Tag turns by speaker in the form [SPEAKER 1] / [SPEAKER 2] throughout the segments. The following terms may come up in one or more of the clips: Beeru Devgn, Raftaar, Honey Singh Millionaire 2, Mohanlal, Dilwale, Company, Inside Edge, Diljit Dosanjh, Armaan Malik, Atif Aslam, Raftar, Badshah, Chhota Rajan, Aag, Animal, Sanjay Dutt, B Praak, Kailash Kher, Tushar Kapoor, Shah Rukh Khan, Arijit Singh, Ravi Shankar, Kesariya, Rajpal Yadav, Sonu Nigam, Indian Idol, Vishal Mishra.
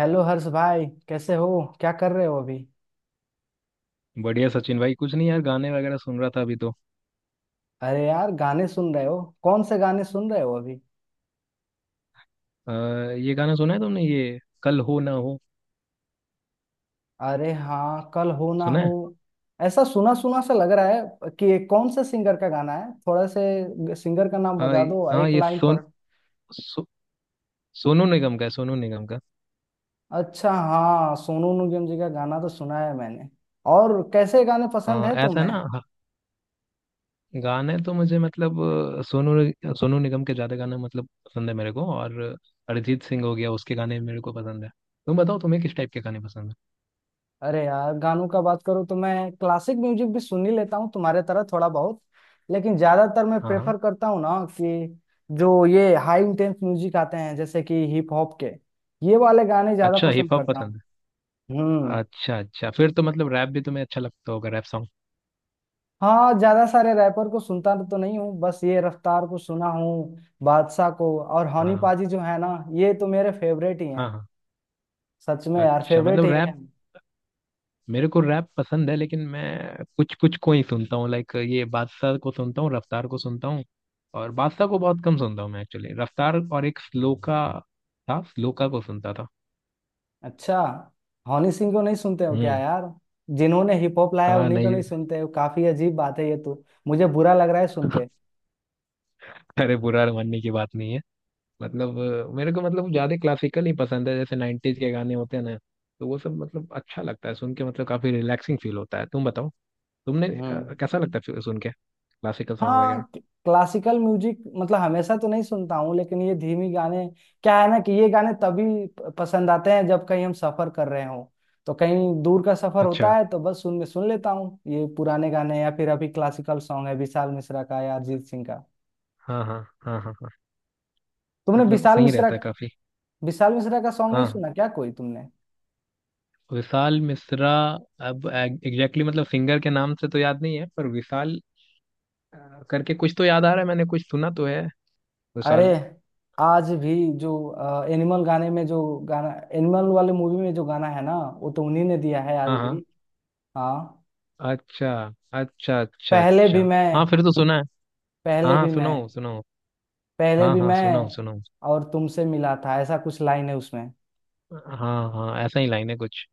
[SPEAKER 1] Hello Harsh भाई, कैसे हो? क्या कर रहे हो अभी?
[SPEAKER 2] बढ़िया सचिन भाई। कुछ नहीं यार, गाने वगैरह सुन रहा था अभी तो।
[SPEAKER 1] अरे यार, गाने सुन रहे हो? कौन से गाने सुन रहे हो अभी?
[SPEAKER 2] आ, ये गाना सुना है तुमने, ये कल हो ना हो?
[SPEAKER 1] अरे हाँ, कल हो ना
[SPEAKER 2] सुना
[SPEAKER 1] हो।
[SPEAKER 2] है?
[SPEAKER 1] ऐसा सुना सुना सा लग रहा है कि ये कौन से सिंगर का गाना है, थोड़ा से सिंगर का नाम
[SPEAKER 2] हाँ
[SPEAKER 1] बता
[SPEAKER 2] ये-
[SPEAKER 1] दो
[SPEAKER 2] हाँ
[SPEAKER 1] एक
[SPEAKER 2] ये
[SPEAKER 1] लाइन पर।
[SPEAKER 2] सोन सो, सोनू निगम का है, सोनू निगम का।
[SPEAKER 1] अच्छा हाँ, सोनू निगम जी का गाना तो सुना है मैंने। और कैसे गाने पसंद
[SPEAKER 2] हाँ
[SPEAKER 1] है
[SPEAKER 2] ऐसा है
[SPEAKER 1] तुम्हें?
[SPEAKER 2] ना। हाँ, गाने तो मुझे मतलब सोनू निगम के ज्यादा गाना मतलब पसंद है मेरे को। और अरिजीत सिंह हो गया, उसके गाने मेरे को पसंद है। तुम बताओ, तुम्हें किस टाइप के गाने पसंद है?
[SPEAKER 1] अरे यार, गानों का बात करूँ तो मैं क्लासिक म्यूजिक भी सुन ही लेता हूँ तुम्हारे तरह थोड़ा बहुत। लेकिन ज्यादातर मैं
[SPEAKER 2] हाँ हाँ।
[SPEAKER 1] प्रेफर करता हूँ ना कि जो ये हाई इंटेंस म्यूजिक आते हैं जैसे कि हिप हॉप के, ये वाले गाने ज्यादा
[SPEAKER 2] अच्छा,
[SPEAKER 1] पसंद
[SPEAKER 2] हिप हॉप
[SPEAKER 1] करता हूँ।
[SPEAKER 2] पसंद है।
[SPEAKER 1] हम्म।
[SPEAKER 2] अच्छा अच्छा, फिर तो मतलब रैप भी तुम्हें अच्छा लगता होगा, रैप सॉन्ग?
[SPEAKER 1] हाँ, ज्यादा सारे रैपर को सुनता तो नहीं हूँ, बस ये रफ्तार को सुना हूँ, बादशाह को और हनी
[SPEAKER 2] हाँ।
[SPEAKER 1] पाजी जो है ना, ये तो मेरे फेवरेट ही
[SPEAKER 2] हाँ
[SPEAKER 1] हैं।
[SPEAKER 2] हाँ।
[SPEAKER 1] सच में यार,
[SPEAKER 2] अच्छा
[SPEAKER 1] फेवरेट
[SPEAKER 2] मतलब
[SPEAKER 1] ही है।
[SPEAKER 2] रैप, मेरे को रैप पसंद है, लेकिन मैं कुछ कुछ को ही सुनता हूँ। लाइक ये बादशाह को सुनता हूँ, रफ्तार को सुनता हूँ। और बादशाह को बहुत कम सुनता हूँ मैं एक्चुअली। रफ्तार और एक स्लोका था, स्लोका को सुनता था।
[SPEAKER 1] अच्छा, हनी सिंह को नहीं सुनते हो क्या
[SPEAKER 2] हम्म।
[SPEAKER 1] यार? जिन्होंने हिप हॉप लाया
[SPEAKER 2] हाँ
[SPEAKER 1] उन्हीं को
[SPEAKER 2] नहीं,
[SPEAKER 1] नहीं सुनते हो, काफी अजीब बात है ये तो। मुझे बुरा लग रहा है सुन के।
[SPEAKER 2] अरे बुरा मानने की बात नहीं है। मतलब मेरे को मतलब ज्यादा क्लासिकल ही पसंद है। जैसे 90s के गाने होते हैं ना, तो वो सब मतलब अच्छा लगता है सुन के। मतलब काफी रिलैक्सिंग फील होता है। तुम बताओ, तुमने
[SPEAKER 1] हम्म।
[SPEAKER 2] कैसा लगता है फिर सुन के क्लासिकल सॉन्ग
[SPEAKER 1] हाँ,
[SPEAKER 2] वगैरह?
[SPEAKER 1] क्लासिकल म्यूजिक मतलब हमेशा तो नहीं सुनता हूँ लेकिन ये धीमी गाने क्या है ना कि ये गाने तभी पसंद आते हैं जब कहीं हम सफर कर रहे हों। तो कहीं दूर का सफर
[SPEAKER 2] अच्छा।
[SPEAKER 1] होता है तो बस सुन में सुन लेता हूँ ये पुराने गाने या फिर अभी क्लासिकल सॉन्ग है विशाल मिश्रा का या अरिजीत सिंह का।
[SPEAKER 2] हाँ हाँ। हाँ हाँ हाँ।
[SPEAKER 1] तुमने
[SPEAKER 2] मतलब सही रहता है काफी।
[SPEAKER 1] विशाल मिश्रा का सॉन्ग नहीं
[SPEAKER 2] हाँ,
[SPEAKER 1] सुना क्या कोई तुमने?
[SPEAKER 2] विशाल मिश्रा। अब एग्जैक्टली मतलब सिंगर के नाम से तो याद नहीं है, पर विशाल करके कुछ तो याद आ रहा है, मैंने कुछ सुना तो है।
[SPEAKER 1] अरे,
[SPEAKER 2] विशाल।
[SPEAKER 1] आज भी जो एनिमल गाने में जो गाना, एनिमल वाले मूवी में जो गाना है ना, वो तो उन्हीं ने दिया है आज
[SPEAKER 2] हाँ हाँ।
[SPEAKER 1] भी। हाँ।
[SPEAKER 2] अच्छा। अच्छा अच्छा
[SPEAKER 1] पहले
[SPEAKER 2] अच्छा।
[SPEAKER 1] भी मैं
[SPEAKER 2] हाँ फिर तो सुना है। हाँ
[SPEAKER 1] पहले
[SPEAKER 2] हाँ,
[SPEAKER 1] भी
[SPEAKER 2] सुना
[SPEAKER 1] मैं
[SPEAKER 2] हूँ सुना हूँ।
[SPEAKER 1] पहले
[SPEAKER 2] हाँ
[SPEAKER 1] भी
[SPEAKER 2] हाँ,
[SPEAKER 1] मैं
[SPEAKER 2] सुना हूँ सुना हूँ।
[SPEAKER 1] और तुमसे मिला था ऐसा कुछ लाइन है उसमें।
[SPEAKER 2] हाँ हाँ, ऐसा ही लाइन है कुछ।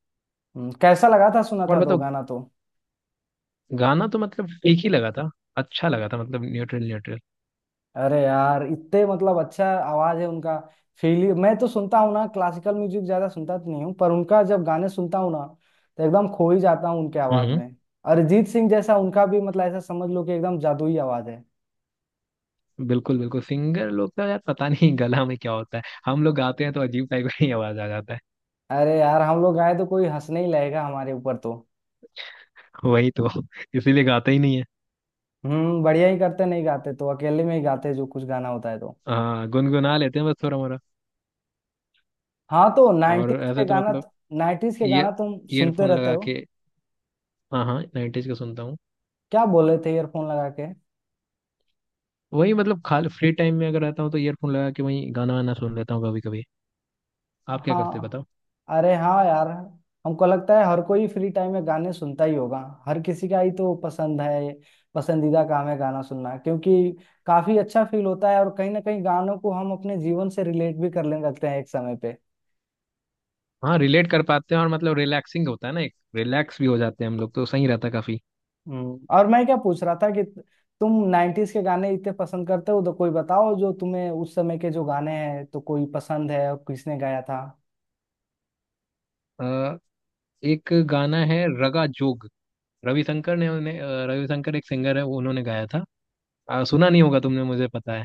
[SPEAKER 1] कैसा लगा था सुना
[SPEAKER 2] और
[SPEAKER 1] था तो
[SPEAKER 2] बताओ।
[SPEAKER 1] गाना तो?
[SPEAKER 2] गाना तो मतलब एक ही लगा था। अच्छा लगा था, मतलब न्यूट्रल न्यूट्रल।
[SPEAKER 1] अरे यार, इतने मतलब अच्छा आवाज है उनका। फील मैं तो सुनता हूँ ना, क्लासिकल म्यूजिक ज्यादा सुनता तो नहीं हूँ, पर उनका जब गाने सुनता हूँ ना तो एकदम खो ही जाता हूँ उनके
[SPEAKER 2] हम्म
[SPEAKER 1] आवाज
[SPEAKER 2] हम्म।
[SPEAKER 1] में। अरिजीत सिंह जैसा उनका भी मतलब ऐसा समझ लो कि एकदम जादुई आवाज है।
[SPEAKER 2] बिल्कुल बिल्कुल। सिंगर लोग का यार पता नहीं गला में क्या होता है। हम लोग गाते हैं तो अजीब टाइप की आवाज आ जाता है।
[SPEAKER 1] अरे यार, हम लोग गाए तो कोई हंसने ही लगेगा हमारे ऊपर तो।
[SPEAKER 2] वही तो, इसीलिए गाते ही नहीं है।
[SPEAKER 1] हम्म, बढ़िया ही करते नहीं गाते तो अकेले में ही गाते, जो कुछ गाना होता है तो।
[SPEAKER 2] हाँ, गुनगुना लेते हैं बस थोड़ा मोड़ा।
[SPEAKER 1] हाँ तो
[SPEAKER 2] और ऐसे तो मतलब
[SPEAKER 1] नाइन्टीज के
[SPEAKER 2] ईयर
[SPEAKER 1] गाना तुम सुनते
[SPEAKER 2] ईयरफोन
[SPEAKER 1] रहते
[SPEAKER 2] लगा
[SPEAKER 1] हो?
[SPEAKER 2] के। हाँ हाँ, 90s का सुनता हूँ।
[SPEAKER 1] क्या बोले थे ईयरफोन लगा के?
[SPEAKER 2] वही, मतलब खाली फ्री टाइम में अगर रहता हूँ तो ईयरफोन लगा के वही गाना वाना सुन लेता हूँ कभी कभी। आप क्या करते हैं
[SPEAKER 1] हाँ।
[SPEAKER 2] बताओ?
[SPEAKER 1] अरे हाँ यार, हमको लगता है हर कोई फ्री टाइम में गाने सुनता ही होगा, हर किसी का ही तो पसंद है, पसंदीदा काम है गाना सुनना क्योंकि काफी अच्छा फील होता है और कहीं ना कहीं गानों को हम अपने जीवन से रिलेट भी करने लगते हैं एक समय पे।
[SPEAKER 2] हाँ रिलेट कर पाते हैं, और मतलब रिलैक्सिंग होता है ना, एक रिलैक्स भी हो जाते हैं हम लोग तो। सही रहता है काफी।
[SPEAKER 1] और मैं क्या पूछ रहा था कि तुम 90s के गाने इतने पसंद करते हो तो कोई बताओ जो तुम्हें उस समय के जो गाने हैं तो कोई पसंद है और किसने गाया था?
[SPEAKER 2] अ, एक गाना है, रगा जोग। रविशंकर ने उन्हें रविशंकर एक सिंगर है, वो उन्होंने गाया था। सुना नहीं होगा तुमने, मुझे पता है।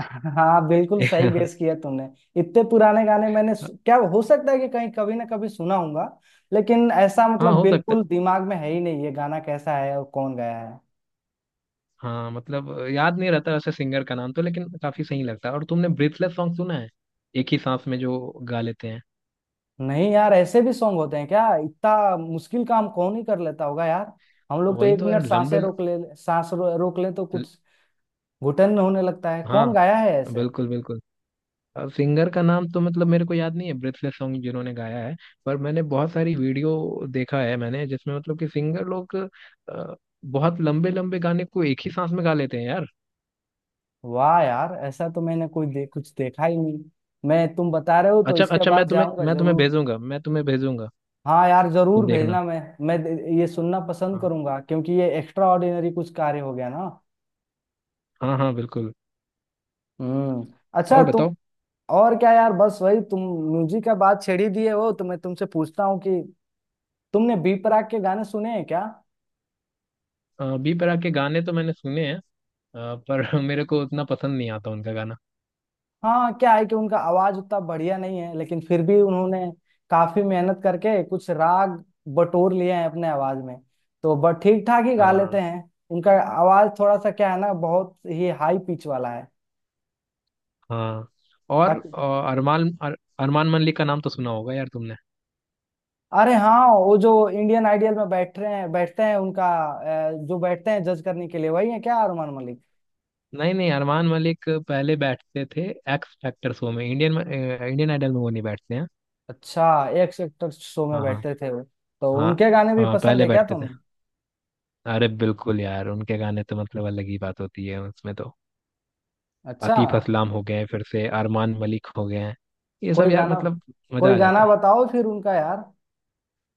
[SPEAKER 1] हाँ, बिल्कुल सही गेस किया तुमने। इतने पुराने गाने मैंने क्या हो सकता है कि कहीं कभी ना कभी सुना होगा, लेकिन ऐसा
[SPEAKER 2] हाँ
[SPEAKER 1] मतलब
[SPEAKER 2] हो सकता है।
[SPEAKER 1] बिल्कुल दिमाग में है ही नहीं ये गाना कैसा है और कौन गाया है।
[SPEAKER 2] हाँ मतलब याद नहीं रहता वैसे सिंगर का नाम तो, लेकिन काफी सही लगता है। और तुमने ब्रीथलेस सॉन्ग सुना है, एक ही सांस में जो गा लेते हैं?
[SPEAKER 1] नहीं यार, ऐसे भी सॉन्ग होते हैं क्या? इतना मुश्किल काम कौन ही कर लेता होगा यार। हम लोग तो
[SPEAKER 2] वही
[SPEAKER 1] एक
[SPEAKER 2] तो यार,
[SPEAKER 1] मिनट सांसें रोक ले, सांस रोक ले तो
[SPEAKER 2] ल-
[SPEAKER 1] कुछ घुटन होने लगता है, कौन
[SPEAKER 2] हाँ
[SPEAKER 1] गाया है ऐसे?
[SPEAKER 2] बिल्कुल बिल्कुल। अब सिंगर का नाम तो मतलब मेरे को याद नहीं है ब्रीथलेस सॉन्ग जिन्होंने गाया है, पर मैंने बहुत सारी वीडियो देखा है मैंने जिसमें मतलब कि सिंगर लोग अ, बहुत लंबे लंबे गाने को एक ही सांस में गा लेते हैं यार।
[SPEAKER 1] वाह यार, ऐसा तो मैंने कोई कुछ देखा ही नहीं। मैं तुम बता रहे हो तो
[SPEAKER 2] अच्छा
[SPEAKER 1] इसके
[SPEAKER 2] अच्छा। मैं
[SPEAKER 1] बाद
[SPEAKER 2] तुम्हें
[SPEAKER 1] जाऊंगा
[SPEAKER 2] मैं तुम्हें
[SPEAKER 1] जरूर।
[SPEAKER 2] भेजूंगा, मैं तुम्हें भेजूंगा,
[SPEAKER 1] हाँ यार, जरूर
[SPEAKER 2] तुम देखना।
[SPEAKER 1] भेजना। मैं मैं द- ये सुनना पसंद
[SPEAKER 2] हाँ
[SPEAKER 1] करूंगा क्योंकि ये एक्स्ट्रा ऑर्डिनरी कुछ कार्य हो गया ना।
[SPEAKER 2] हाँ हाँ बिल्कुल।
[SPEAKER 1] हम्म। अच्छा,
[SPEAKER 2] और
[SPEAKER 1] तुम
[SPEAKER 2] बताओ।
[SPEAKER 1] और क्या यार, बस वही तुम म्यूजिक का बात छेड़ी दिए हो तो मैं तुमसे पूछता हूँ कि तुमने बी प्राक के गाने सुने हैं क्या?
[SPEAKER 2] बी प्राक के गाने तो मैंने सुने हैं पर मेरे को उतना पसंद नहीं आता उनका गाना।
[SPEAKER 1] हाँ, क्या है कि उनका आवाज उतना बढ़िया नहीं है लेकिन फिर भी उन्होंने काफी मेहनत करके कुछ राग बटोर लिए हैं अपने आवाज में, तो बट ठीक ठाक ही गा
[SPEAKER 2] हाँ
[SPEAKER 1] लेते हैं उनका। आवाज थोड़ा सा क्या है ना, बहुत ही हाई पिच वाला
[SPEAKER 2] हाँ। और
[SPEAKER 1] है।
[SPEAKER 2] अरमान मलिक का नाम तो सुना होगा यार तुमने।
[SPEAKER 1] अरे हाँ, वो जो इंडियन आइडियल में बैठ रहे हैं, बैठते हैं उनका, जो बैठते हैं जज करने के लिए, वही है क्या अरमान मलिक?
[SPEAKER 2] नहीं नहीं, अरमान मलिक पहले बैठते थे एक्स फैक्टर शो में। इंडियन इंडियन आइडल में वो नहीं बैठते हैं।
[SPEAKER 1] अच्छा, एक सेक्टर शो में
[SPEAKER 2] हाँ हाँ।
[SPEAKER 1] बैठते थे वो। तो
[SPEAKER 2] हाँ
[SPEAKER 1] उनके गाने भी
[SPEAKER 2] हाँ,
[SPEAKER 1] पसंद
[SPEAKER 2] पहले
[SPEAKER 1] है क्या
[SPEAKER 2] बैठते थे।
[SPEAKER 1] तुम्हें?
[SPEAKER 2] अरे बिल्कुल यार, उनके गाने तो मतलब अलग ही बात होती है उसमें तो।
[SPEAKER 1] अच्छा,
[SPEAKER 2] आतिफ असलाम हो गए, फिर से अरमान मलिक हो गए हैं, ये
[SPEAKER 1] कोई
[SPEAKER 2] सब यार
[SPEAKER 1] गाना
[SPEAKER 2] मतलब
[SPEAKER 1] कोई
[SPEAKER 2] मजा आ जाता
[SPEAKER 1] गाना
[SPEAKER 2] है।
[SPEAKER 1] बताओ फिर उनका यार,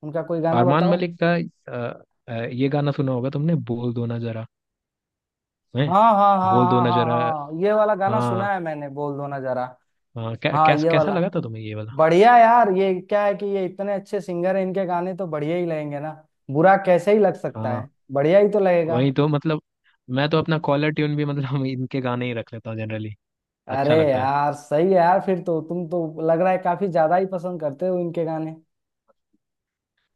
[SPEAKER 1] उनका कोई गाना
[SPEAKER 2] अरमान
[SPEAKER 1] बताओ।
[SPEAKER 2] मलिक का ये गाना सुना होगा तुमने, बोल दो ना जरा? हैं?
[SPEAKER 1] हाँ हाँ हाँ
[SPEAKER 2] बोल दो
[SPEAKER 1] हाँ
[SPEAKER 2] ना जरा।
[SPEAKER 1] हाँ हाँ, ये वाला गाना
[SPEAKER 2] हाँ
[SPEAKER 1] सुना है मैंने, बोल दो ना जरा।
[SPEAKER 2] हाँ कै,
[SPEAKER 1] हाँ
[SPEAKER 2] कैस,
[SPEAKER 1] ये
[SPEAKER 2] कैसा
[SPEAKER 1] वाला,
[SPEAKER 2] लगा था तुम्हें ये वाला?
[SPEAKER 1] बढ़िया यार। ये क्या है कि ये इतने अच्छे सिंगर हैं, इनके गाने तो बढ़िया ही लगेंगे ना, बुरा कैसे ही लग सकता
[SPEAKER 2] हाँ
[SPEAKER 1] है? बढ़िया ही तो लगेगा।
[SPEAKER 2] वही तो मतलब, मैं तो अपना कॉलर ट्यून भी मतलब इनके गाने ही रख लेता हूँ जनरली।
[SPEAKER 1] अरे
[SPEAKER 2] अच्छा लगता है।
[SPEAKER 1] यार, सही है यार, फिर तो तुम तो लग रहा है काफी ज्यादा ही पसंद करते हो इनके गाने।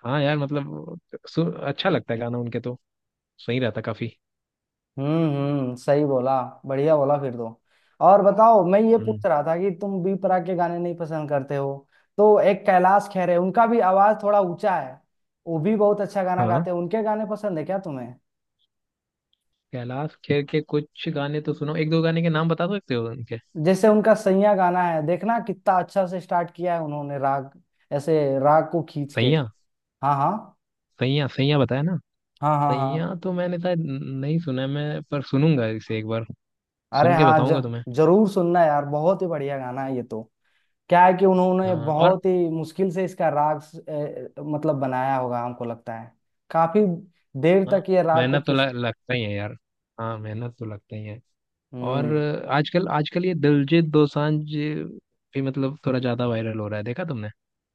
[SPEAKER 2] हाँ यार मतलब अच्छा लगता है गाना उनके तो। सही रहता काफी।
[SPEAKER 1] हम्म, सही बोला, बढ़िया बोला फिर तो। और बताओ, मैं ये
[SPEAKER 2] हम्म।
[SPEAKER 1] पूछ रहा था कि तुम बी प्राक के गाने नहीं पसंद करते हो तो एक कैलाश खेर है, उनका भी आवाज थोड़ा ऊंचा है, वो भी बहुत अच्छा गाना
[SPEAKER 2] हाँ,
[SPEAKER 1] गाते हैं, उनके गाने पसंद है क्या तुम्हें?
[SPEAKER 2] कैलाश खेर के कुछ गाने तो सुनो, एक दो गाने के नाम बता सकते हो उनके?
[SPEAKER 1] जैसे उनका सैया गाना है, देखना कितना अच्छा से स्टार्ट किया है उन्होंने राग, ऐसे राग को खींच के।
[SPEAKER 2] सैया।
[SPEAKER 1] हाँ हाँ
[SPEAKER 2] सैया सैया बताया ना।
[SPEAKER 1] हाँ हाँ हाँ।
[SPEAKER 2] सैया तो मैंने शायद नहीं सुना है मैं, पर सुनूंगा इसे एक बार,
[SPEAKER 1] अरे
[SPEAKER 2] सुन के
[SPEAKER 1] हाँ
[SPEAKER 2] बताऊंगा तुम्हें।
[SPEAKER 1] जरूर सुनना यार, बहुत ही बढ़िया गाना है ये तो। क्या है कि उन्होंने
[SPEAKER 2] हाँ और
[SPEAKER 1] बहुत ही मुश्किल से इसका राग मतलब बनाया होगा हमको लगता है, काफी देर
[SPEAKER 2] हाँ,
[SPEAKER 1] तक ये राग को खींचते।
[SPEAKER 2] लगता ही है यार। हाँ, मेहनत तो लगता ही है।
[SPEAKER 1] हम्म।
[SPEAKER 2] और आजकल आजकल ये दिलजीत दोसांझ भी मतलब थोड़ा ज्यादा वायरल हो रहा है, देखा तुमने?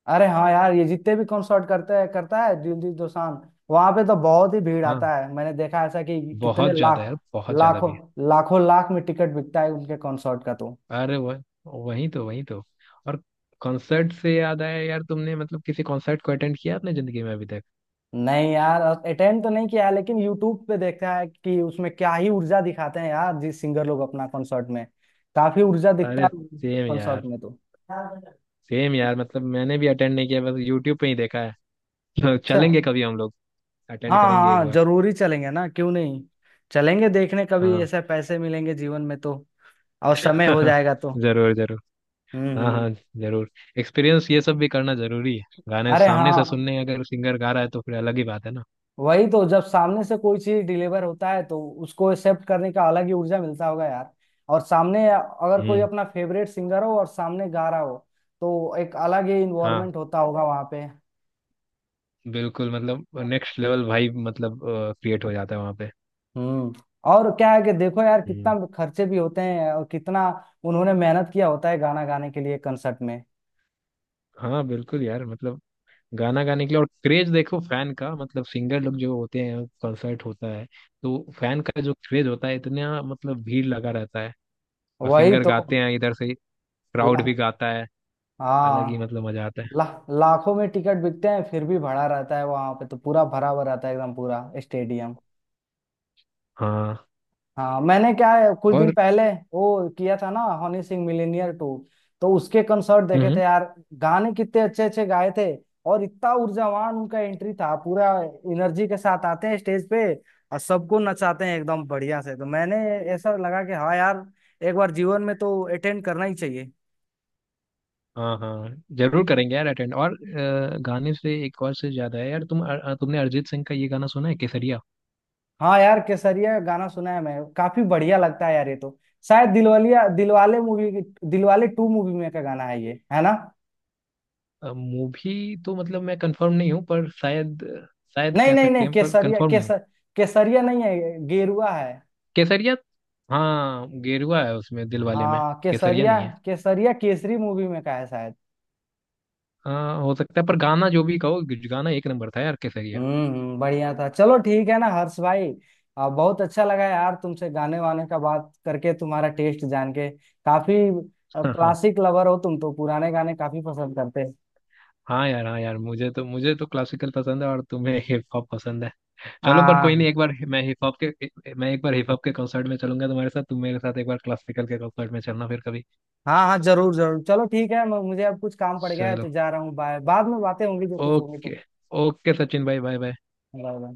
[SPEAKER 1] अरे हाँ यार, ये जितने भी कॉन्सर्ट करते हैं, करता है दिलजीत दोसांझ, वहां पे तो बहुत ही भीड़
[SPEAKER 2] हाँ,
[SPEAKER 1] आता है, मैंने देखा ऐसा कि कितने
[SPEAKER 2] बहुत ज्यादा
[SPEAKER 1] लाख,
[SPEAKER 2] यार, बहुत ज्यादा
[SPEAKER 1] लाखों,
[SPEAKER 2] भी।
[SPEAKER 1] लाखों लाख में टिकट बिकता है उनके कॉन्सर्ट का तो।
[SPEAKER 2] अरे वह, वही तो वही तो। और कॉन्सर्ट से याद आया यार, तुमने मतलब किसी कॉन्सर्ट को अटेंड किया अपने जिंदगी में अभी तक?
[SPEAKER 1] नहीं यार, अटेंड तो नहीं किया है लेकिन यूट्यूब पे देखा है कि उसमें क्या ही ऊर्जा दिखाते हैं यार जिस सिंगर लोग अपना कॉन्सर्ट में, काफी ऊर्जा
[SPEAKER 2] अरे
[SPEAKER 1] दिखता है
[SPEAKER 2] सेम यार,
[SPEAKER 1] कॉन्सर्ट में तो।
[SPEAKER 2] सेम यार, मतलब मैंने भी अटेंड नहीं किया, बस यूट्यूब पे ही देखा है।
[SPEAKER 1] अच्छा।
[SPEAKER 2] चलेंगे कभी हम लोग,
[SPEAKER 1] हाँ
[SPEAKER 2] अटेंड
[SPEAKER 1] हाँ
[SPEAKER 2] करेंगे एक
[SPEAKER 1] हाँ,
[SPEAKER 2] बार।
[SPEAKER 1] जरूरी चलेंगे ना, क्यों नहीं, चलेंगे देखने कभी
[SPEAKER 2] हाँ।
[SPEAKER 1] ऐसे पैसे मिलेंगे जीवन में तो, और समय हो जाएगा तो।
[SPEAKER 2] जरूर जरूर। हाँ
[SPEAKER 1] हम्म।
[SPEAKER 2] हाँ जरूर। एक्सपीरियंस ये सब भी करना जरूरी है। गाने
[SPEAKER 1] अरे
[SPEAKER 2] सामने से
[SPEAKER 1] हाँ,
[SPEAKER 2] सुनने अगर सिंगर गा रहा है तो फिर अलग ही बात है ना।
[SPEAKER 1] वही तो, जब सामने से कोई चीज डिलीवर होता है तो उसको एक्सेप्ट करने का अलग ही ऊर्जा मिलता होगा यार। और सामने अगर कोई
[SPEAKER 2] हम्म।
[SPEAKER 1] अपना फेवरेट सिंगर हो और सामने गा रहा हो तो एक अलग ही
[SPEAKER 2] हाँ
[SPEAKER 1] इन्वायरमेंट होता होगा वहां पे।
[SPEAKER 2] बिल्कुल, मतलब नेक्स्ट लेवल भाई, मतलब क्रिएट हो जाता है वहाँ पे।
[SPEAKER 1] हम्म। और क्या है कि देखो यार, कितना
[SPEAKER 2] हम्म।
[SPEAKER 1] खर्चे भी होते हैं और कितना उन्होंने मेहनत किया होता है गाना गाने के लिए कंसर्ट में।
[SPEAKER 2] हाँ बिल्कुल यार, मतलब गाना गाने के लिए, और क्रेज देखो फैन का, मतलब सिंगर लोग जो होते हैं, कॉन्सर्ट होता है तो फैन का जो क्रेज होता है इतना, मतलब भीड़ लगा रहता है। और
[SPEAKER 1] वही
[SPEAKER 2] सिंगर
[SPEAKER 1] तो।
[SPEAKER 2] गाते हैं इधर से, क्राउड
[SPEAKER 1] ला,
[SPEAKER 2] भी गाता है। अलग ही
[SPEAKER 1] हाँ।
[SPEAKER 2] मतलब मजा आता है।
[SPEAKER 1] ला, लाखों में टिकट बिकते हैं फिर भी भरा रहता है वहां पे तो, पूरा भरा हुआ रहता है एकदम पूरा स्टेडियम।
[SPEAKER 2] हाँ।
[SPEAKER 1] हाँ, मैंने क्या है कुछ दिन
[SPEAKER 2] और।
[SPEAKER 1] पहले वो किया था ना, हनी सिंह मिलीनियर 2, तो उसके कंसर्ट देखे थे
[SPEAKER 2] हम्म।
[SPEAKER 1] यार, गाने कितने अच्छे अच्छे गाए थे और इतना ऊर्जावान उनका एंट्री था, पूरा एनर्जी के साथ आते हैं स्टेज पे और सबको नचाते हैं एकदम बढ़िया से, तो मैंने ऐसा लगा कि हाँ यार, एक बार जीवन में तो अटेंड करना ही चाहिए।
[SPEAKER 2] हाँ हाँ, जरूर करेंगे यार अटेंड। और गाने से एक और से ज्यादा है यार तुम, तुमने अरिजीत सिंह का ये गाना सुना है केसरिया?
[SPEAKER 1] हाँ यार, केसरिया गाना सुना है मैं, काफी बढ़िया लगता है यार ये तो। शायद दिलवालिया दिलवाले मूवी, दिलवाले 2 मूवी में का गाना है ये, है ना?
[SPEAKER 2] मूवी तो मतलब मैं कंफर्म नहीं हूँ पर शायद, शायद
[SPEAKER 1] नहीं
[SPEAKER 2] कह
[SPEAKER 1] नहीं
[SPEAKER 2] सकते
[SPEAKER 1] नहीं,
[SPEAKER 2] हैं पर
[SPEAKER 1] केसरिया
[SPEAKER 2] कंफर्म नहीं हूँ।
[SPEAKER 1] केसरिया नहीं है, गेरुआ है।
[SPEAKER 2] केसरिया। हाँ गेरुआ है उसमें दिलवाले में,
[SPEAKER 1] हाँ,
[SPEAKER 2] केसरिया
[SPEAKER 1] केसरिया
[SPEAKER 2] नहीं है।
[SPEAKER 1] केसरिया केसरी मूवी में का है शायद।
[SPEAKER 2] हाँ हो सकता है, पर गाना जो भी कहो, गाना एक नंबर था यार केसरिया।
[SPEAKER 1] बढ़िया था। चलो ठीक है ना हर्ष भाई? बहुत अच्छा लगा यार तुमसे गाने वाने का बात करके, तुम्हारा टेस्ट जान के, काफी क्लासिक लवर हो तुम तो, पुराने गाने काफी पसंद करते हैं।
[SPEAKER 2] हाँ यार, हाँ यार, मुझे तो क्लासिकल पसंद है और तुम्हें हिप हॉप पसंद है। चलो पर कोई नहीं,
[SPEAKER 1] हाँ
[SPEAKER 2] एक बार मैं हिप हॉप के मैं एक बार हिप हॉप के कॉन्सर्ट में चलूंगा तुम्हारे साथ, तुम मेरे साथ एक बार क्लासिकल के कॉन्सर्ट में चलना फिर कभी।
[SPEAKER 1] हाँ हाँ, जरूर जरूर, चलो ठीक है, मुझे अब कुछ काम पड़ गया है
[SPEAKER 2] चलो
[SPEAKER 1] तो जा रहा हूँ, बाय, बाद में बातें होंगी जो कुछ होंगी
[SPEAKER 2] ओके।
[SPEAKER 1] तो।
[SPEAKER 2] ओके सचिन भाई, बाय बाय।
[SPEAKER 1] Bye bye.